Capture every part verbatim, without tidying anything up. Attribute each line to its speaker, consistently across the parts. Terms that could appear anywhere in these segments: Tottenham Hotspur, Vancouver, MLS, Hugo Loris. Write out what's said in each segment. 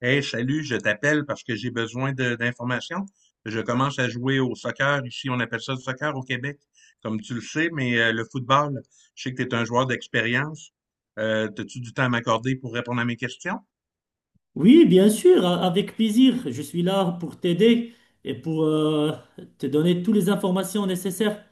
Speaker 1: Hey, salut, je t'appelle parce que j'ai besoin de- d'informations. Je commence à jouer au soccer. Ici, on appelle ça le soccer au Québec, comme tu le sais, mais euh, le football, je sais que tu es un joueur d'expérience. Euh, as-tu du temps à m'accorder pour répondre à mes questions?
Speaker 2: Oui, bien sûr, a- avec plaisir. Je suis là pour t'aider et pour euh, te donner toutes les informations nécessaires.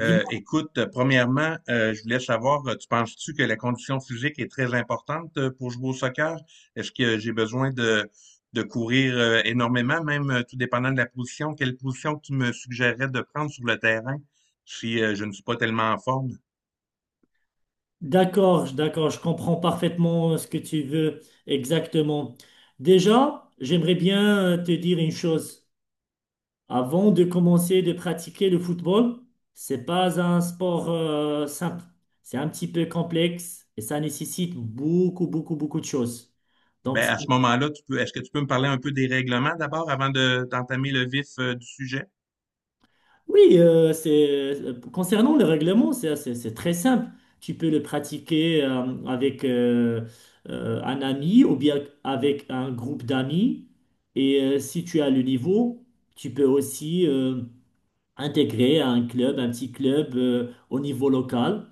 Speaker 1: Euh, écoute, premièrement, euh, je voulais savoir, euh, tu penses-tu que la condition physique est très importante euh, pour jouer au soccer? Est-ce que j'ai besoin de, de courir euh, énormément, même euh, tout dépendant de la position? Quelle position tu me suggérerais de prendre sur le terrain si euh, je ne suis pas tellement en forme?
Speaker 2: D'accord, je- d'accord, je comprends parfaitement ce que tu veux exactement. Déjà, j'aimerais bien euh, te dire une chose. Avant de commencer de pratiquer le football, c'est pas un sport euh, simple. C'est un petit peu complexe et ça nécessite beaucoup, beaucoup, beaucoup de choses. Donc,
Speaker 1: Ben, à ce moment-là, tu peux, est-ce que tu peux me parler un peu des règlements d'abord avant de, d'entamer le vif euh, du sujet?
Speaker 2: oui, euh, c'est, euh, concernant le règlement, c'est assez- c'est très simple. Tu peux le pratiquer euh, avec euh, euh, un ami ou bien avec un groupe d'amis. Et euh, si tu as le niveau, tu peux aussi euh, intégrer un club, un petit club euh, au niveau local.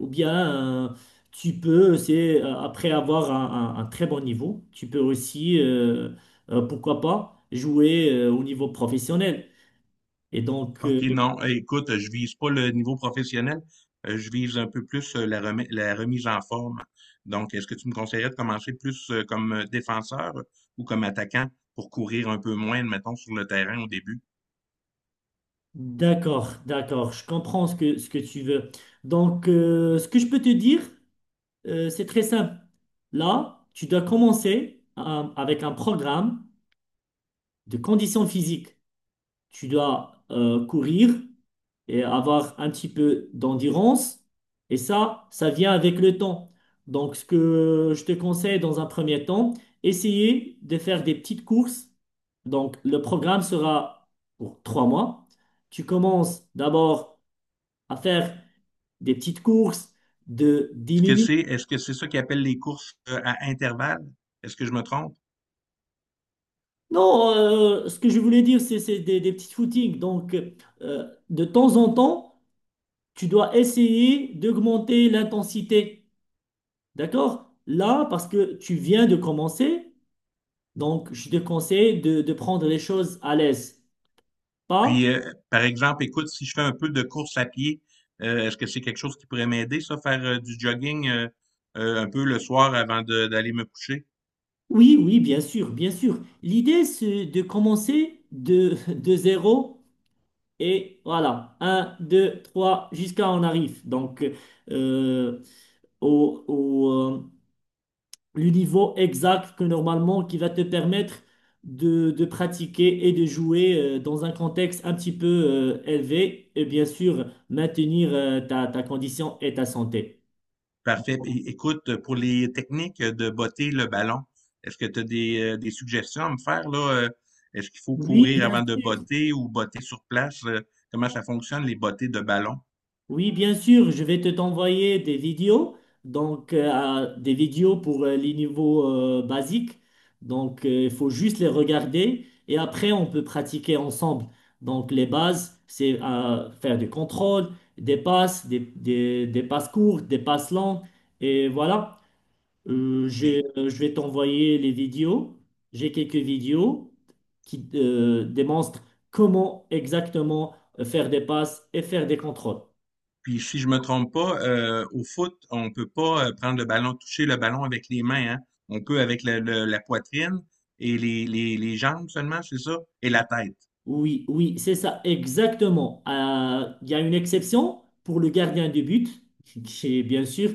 Speaker 2: Ou bien euh, tu peux, c'est, euh, après avoir un, un- un très bon niveau, tu peux aussi, euh, euh, pourquoi pas, jouer euh, au niveau professionnel. Et donc,
Speaker 1: OK,
Speaker 2: euh,
Speaker 1: non, eh, écoute, je vise pas le niveau professionnel, heu, je vise un peu plus, heu, la remise la remise en forme. Donc, est-ce que tu me conseillerais de commencer plus, heu, comme, heu, défenseur ou comme attaquant pour courir un peu moins, admettons, sur le terrain au début?
Speaker 2: d'accord, d'accord, je comprends ce que, ce que tu veux. Donc, euh, ce que je peux te dire, euh, c'est très simple. Là, tu dois commencer euh, avec un programme de conditions physiques. Tu dois euh, courir et avoir un petit peu d'endurance. Et ça, ça vient avec le temps. Donc, ce que je te conseille dans un premier temps, essayer de faire des petites courses. Donc, le programme sera pour trois mois. Tu commences d'abord à faire des petites courses de dix
Speaker 1: Est-ce que
Speaker 2: minutes.
Speaker 1: c'est est-ce que c'est ça qu'ils appellent les courses, heu, à intervalles? Est-ce que je me trompe?
Speaker 2: Non, euh, ce que je voulais dire, c'est c'est des, des petits footings. Donc, euh, de temps en temps, tu dois essayer d'augmenter l'intensité. D'accord? Là, parce que tu viens de commencer, donc je te conseille de, de prendre les choses à l'aise.
Speaker 1: Puis,
Speaker 2: Pas?
Speaker 1: heu, par exemple, écoute, si je fais un peu de course à pied, heu, est-ce que c'est quelque chose qui pourrait m'aider ça, faire, heu, du jogging, heu heu, un peu le soir avant de d'aller me coucher?
Speaker 2: Oui, oui, bien sûr, bien sûr. L'idée, c'est de commencer de, de zéro et voilà, un, deux, trois, jusqu'à on arrive. Donc, euh, au, au, euh, le niveau exact que normalement qui va te permettre de, de pratiquer et de jouer euh, dans un contexte un petit peu euh, élevé et bien sûr maintenir euh, ta, ta condition et ta santé.
Speaker 1: Parfait. Puis, écoute, pour les techniques de botter le ballon, est-ce que tu as des, euh, des suggestions à me faire là? Euh, Est-ce qu'il faut
Speaker 2: Oui,
Speaker 1: courir
Speaker 2: bien
Speaker 1: avant de
Speaker 2: sûr.
Speaker 1: botter ou botter sur place? Euh, Comment ça fonctionne, les bottées de ballon?
Speaker 2: Oui, bien sûr, je vais te t'envoyer des vidéos, donc euh, des vidéos pour euh, les niveaux euh, basiques. Donc euh, il faut juste les regarder et après on peut pratiquer ensemble. Donc les bases, c'est euh, faire des contrôles, des passes, des, des- des passes courtes, des passes longues et voilà. Euh, j'ai- euh, je vais t'envoyer les vidéos. J'ai quelques vidéos qui euh, démontrent comment exactement euh, faire des passes et faire des contrôles.
Speaker 1: Puis si je me trompe pas, euh, au foot, on peut pas euh, prendre le ballon, toucher le ballon avec les mains, hein? On peut avec le- le- la poitrine et les, les, les jambes seulement, c'est ça? Et la tête.
Speaker 2: Oui, oui, c'est ça, exactement. Euh, Il y a une exception pour le gardien de but, qui est bien sûr,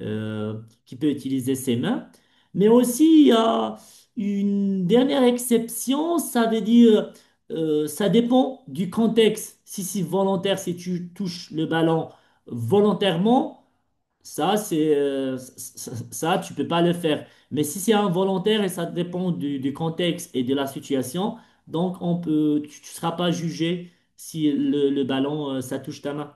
Speaker 2: euh, qui peut utiliser ses mains. Mais aussi, il y a une dernière exception, ça veut dire, euh, ça dépend du contexte. Si c'est volontaire, si tu touches le ballon volontairement, ça, c'est, euh, c- ça, tu peux pas le faire. Mais si c'est involontaire et ça dépend du, du contexte et de la situation, donc on peut, tu, ne seras pas jugé si le, le ballon, euh, ça touche ta main.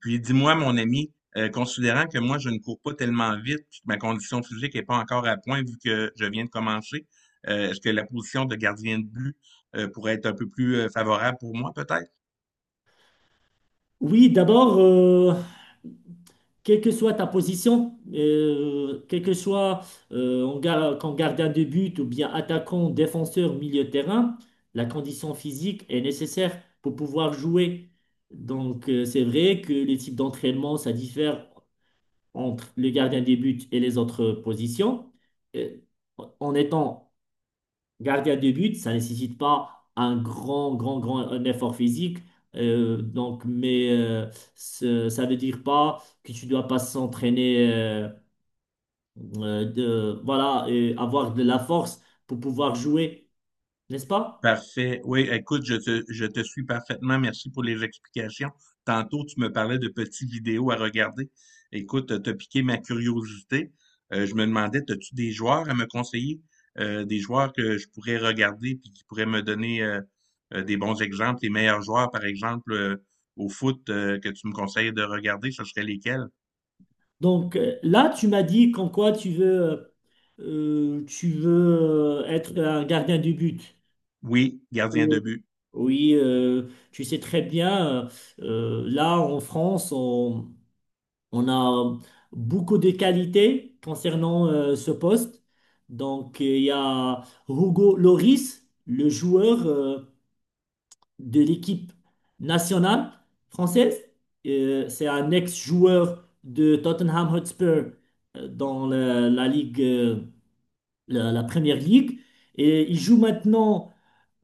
Speaker 1: Puis dis-moi, mon ami, euh, considérant que moi, je ne cours pas tellement vite, puis que ma condition physique n'est pas encore à point vu que je viens de commencer, euh, est-ce que la position de gardien de but euh, pourrait être un peu plus euh, favorable pour moi, peut-être?
Speaker 2: Oui, d'abord, euh, quelle que soit ta position, euh, quel que soit euh, en gar- qu'en gardien de but ou bien attaquant, défenseur, milieu de terrain, la condition physique est nécessaire pour pouvoir jouer. Donc, euh, c'est vrai que les types d'entraînement, ça diffère entre le gardien des buts et les autres positions. Et en étant gardien de but, ça ne nécessite pas un grand, grand, grand un effort physique. Euh, donc, mais euh, ce- ça veut dire pas que tu dois pas s'entraîner, euh, euh, de, voilà, et avoir de la force pour pouvoir jouer, n'est-ce pas?
Speaker 1: Parfait. Oui, écoute, je te, je te suis parfaitement. Merci pour les explications. Tantôt, tu me parlais de petites vidéos à regarder. Écoute, t'as piqué ma curiosité. Euh, je me demandais, as-tu des joueurs à me conseiller? Euh, des joueurs que je pourrais regarder puis qui pourraient me donner euh, euh, des bons exemples, les meilleurs joueurs, par exemple, euh, au foot euh, que tu me conseilles de regarder, ce serait lesquels?
Speaker 2: Donc euh, là, tu m'as dit qu'en quoi tu veux, euh, tu veux euh, être un gardien de but.
Speaker 1: Oui, gardien de
Speaker 2: Euh,
Speaker 1: but.
Speaker 2: Oui, euh, tu sais très bien, euh, là en France, on, on a beaucoup de qualités concernant euh, ce poste. Donc, euh, il y a Hugo Loris, le joueur euh, de l'équipe nationale française. Euh, c'est un ex-joueur de Tottenham Hotspur euh, dans la, la ligue, euh, la, la première ligue. Et il joue maintenant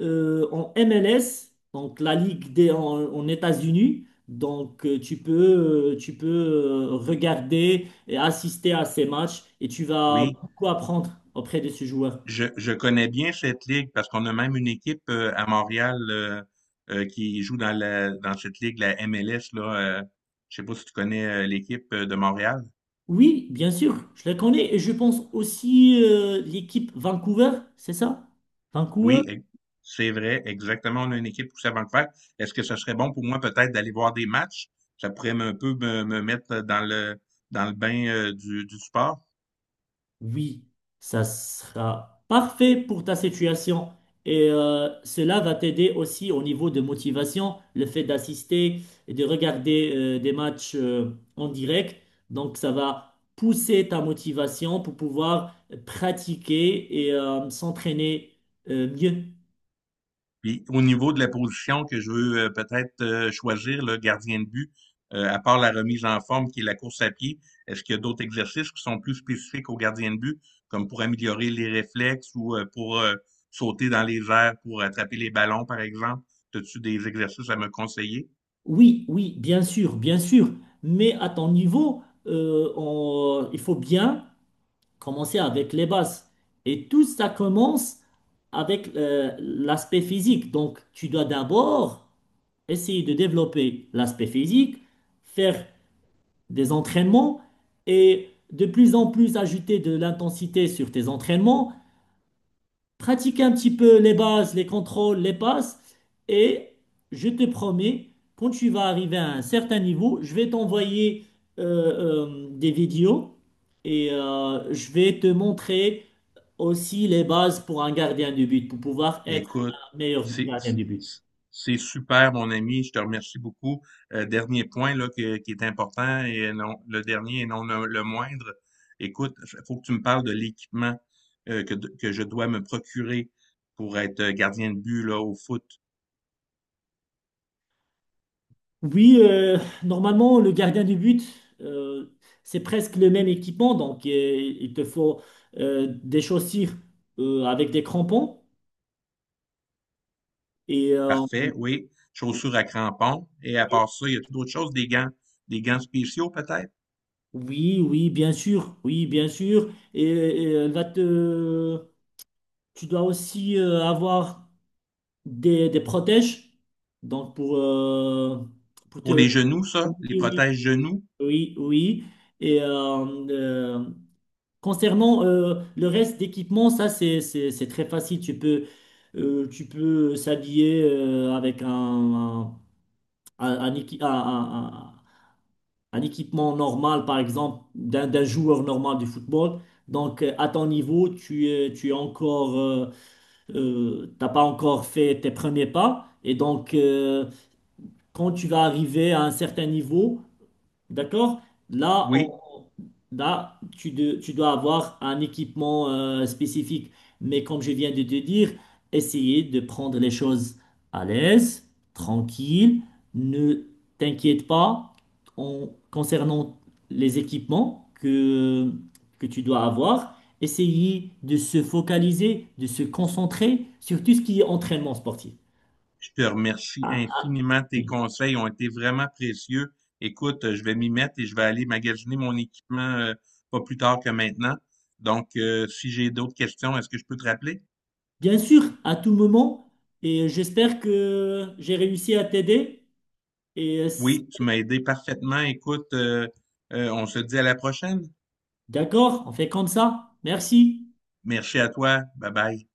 Speaker 2: euh, en M L S, donc la Ligue des, en, en États-Unis. Donc, euh, tu peux, euh, tu peux euh, regarder et assister à ces matchs et tu vas
Speaker 1: Oui,
Speaker 2: beaucoup apprendre auprès de ce joueur.
Speaker 1: Je, je connais bien cette ligue parce qu'on a même une équipe euh, à Montréal euh, euh, qui joue dans la dans cette ligue, la M L S, là. euh, je sais pas si tu connais euh, l'équipe euh, de Montréal.
Speaker 2: Oui, bien sûr, je les connais et je pense aussi euh, l'équipe Vancouver, c'est ça? Vancouver?
Speaker 1: Oui, e- c'est vrai, exactement. On a une équipe poussée à Vancouver. Est-ce que ce serait bon pour moi peut-être d'aller voir des matchs? Ça pourrait me- un peu me, me mettre dans le dans le bain euh, du, du sport.
Speaker 2: Oui, ça sera parfait pour ta situation et euh, cela va t'aider aussi au niveau de motivation, le fait d'assister et de regarder euh, des matchs euh, en direct. Donc ça va pousser ta motivation pour pouvoir pratiquer et euh, s'entraîner euh, mieux.
Speaker 1: Puis au niveau de la position que je veux euh, peut-être euh, choisir, le gardien de but, euh, à part la remise en forme qui est la course à pied, est-ce qu'il y a d'autres exercices qui sont plus spécifiques au gardien de but, comme pour améliorer les réflexes ou euh, pour euh, sauter dans les airs, pour attraper les ballons, par exemple? As-tu des exercices à me conseiller?
Speaker 2: Oui, oui, bien sûr, bien sûr, mais à ton niveau, euh, on- il faut bien commencer avec les bases. Et tout ça commence avec euh, l'aspect physique. Donc, tu dois d'abord essayer de développer l'aspect physique, faire des entraînements et de plus en plus ajouter de l'intensité sur tes entraînements, pratiquer un petit peu les bases, les contrôles, les passes. Et je te promets, quand tu vas arriver à un certain niveau, je vais t'envoyer euh, euh, des vidéos et euh, je vais te montrer aussi les bases pour un gardien de but, pour pouvoir être
Speaker 1: Écoute,
Speaker 2: un meilleur
Speaker 1: c'est
Speaker 2: gardien de but.
Speaker 1: c'est super, mon ami. Je te remercie beaucoup. Euh, dernier point là, que- qui est important et non, le dernier et non le, le moindre. Écoute, il faut que tu me parles de l'équipement euh, que, que je dois me procurer pour être euh, gardien de but là, au foot.
Speaker 2: Oui, euh, normalement, le gardien de but, euh, c'est presque le même équipement, donc euh, il te faut euh, des chaussures euh, avec des crampons. Et euh,
Speaker 1: Parfait, oui. Chaussures à crampons. Et à part ça, il y a tout d'autres choses, des gants, des gants spéciaux peut-être.
Speaker 2: oui, oui, bien sûr, oui, bien sûr. Et, et elle va te, tu dois aussi euh, avoir des, des protèges, donc pour, euh, pour
Speaker 1: Pour
Speaker 2: te,
Speaker 1: les genoux,
Speaker 2: oui,
Speaker 1: ça, les
Speaker 2: oui,
Speaker 1: protèges genoux.
Speaker 2: oui, oui. Et euh, euh, concernant euh, le reste d'équipement, ça c'est c'est- c'est très facile. Tu peux euh, tu peux s'habiller euh, avec un un, un équi- un- un- un- un équipement normal, par exemple d'un d'un joueur normal du football. Donc euh, à ton niveau, tu es tu es encore euh, euh, t'as pas encore fait tes premiers pas. Et donc euh, quand tu vas arriver à un certain niveau. D'accord? Là,
Speaker 1: Oui,
Speaker 2: on- là tu, de- tu dois avoir un équipement euh, spécifique. Mais comme je viens de te dire, essayez de prendre les choses à l'aise, tranquille. Ne t'inquiète pas en- concernant les équipements que, que tu dois avoir. Essayez de se focaliser, de se concentrer sur tout ce qui est entraînement sportif.
Speaker 1: je te remercie
Speaker 2: Ah,
Speaker 1: infiniment. Tes conseils ont été vraiment précieux. Écoute, euh, je vais m'y mettre et je vais aller magasiner mon équipement euh, pas plus tard que maintenant. Donc, euh, si j'ai d'autres questions, est-ce que je peux te rappeler?
Speaker 2: bien sûr, à tout moment, et j'espère que j'ai réussi à t'aider. Et euh, si,
Speaker 1: Oui, tu m'as aidé parfaitement. Écoute, euh, euh, on se dit à la prochaine.
Speaker 2: d'accord, on fait comme ça. Merci.
Speaker 1: Merci à toi. Bye bye.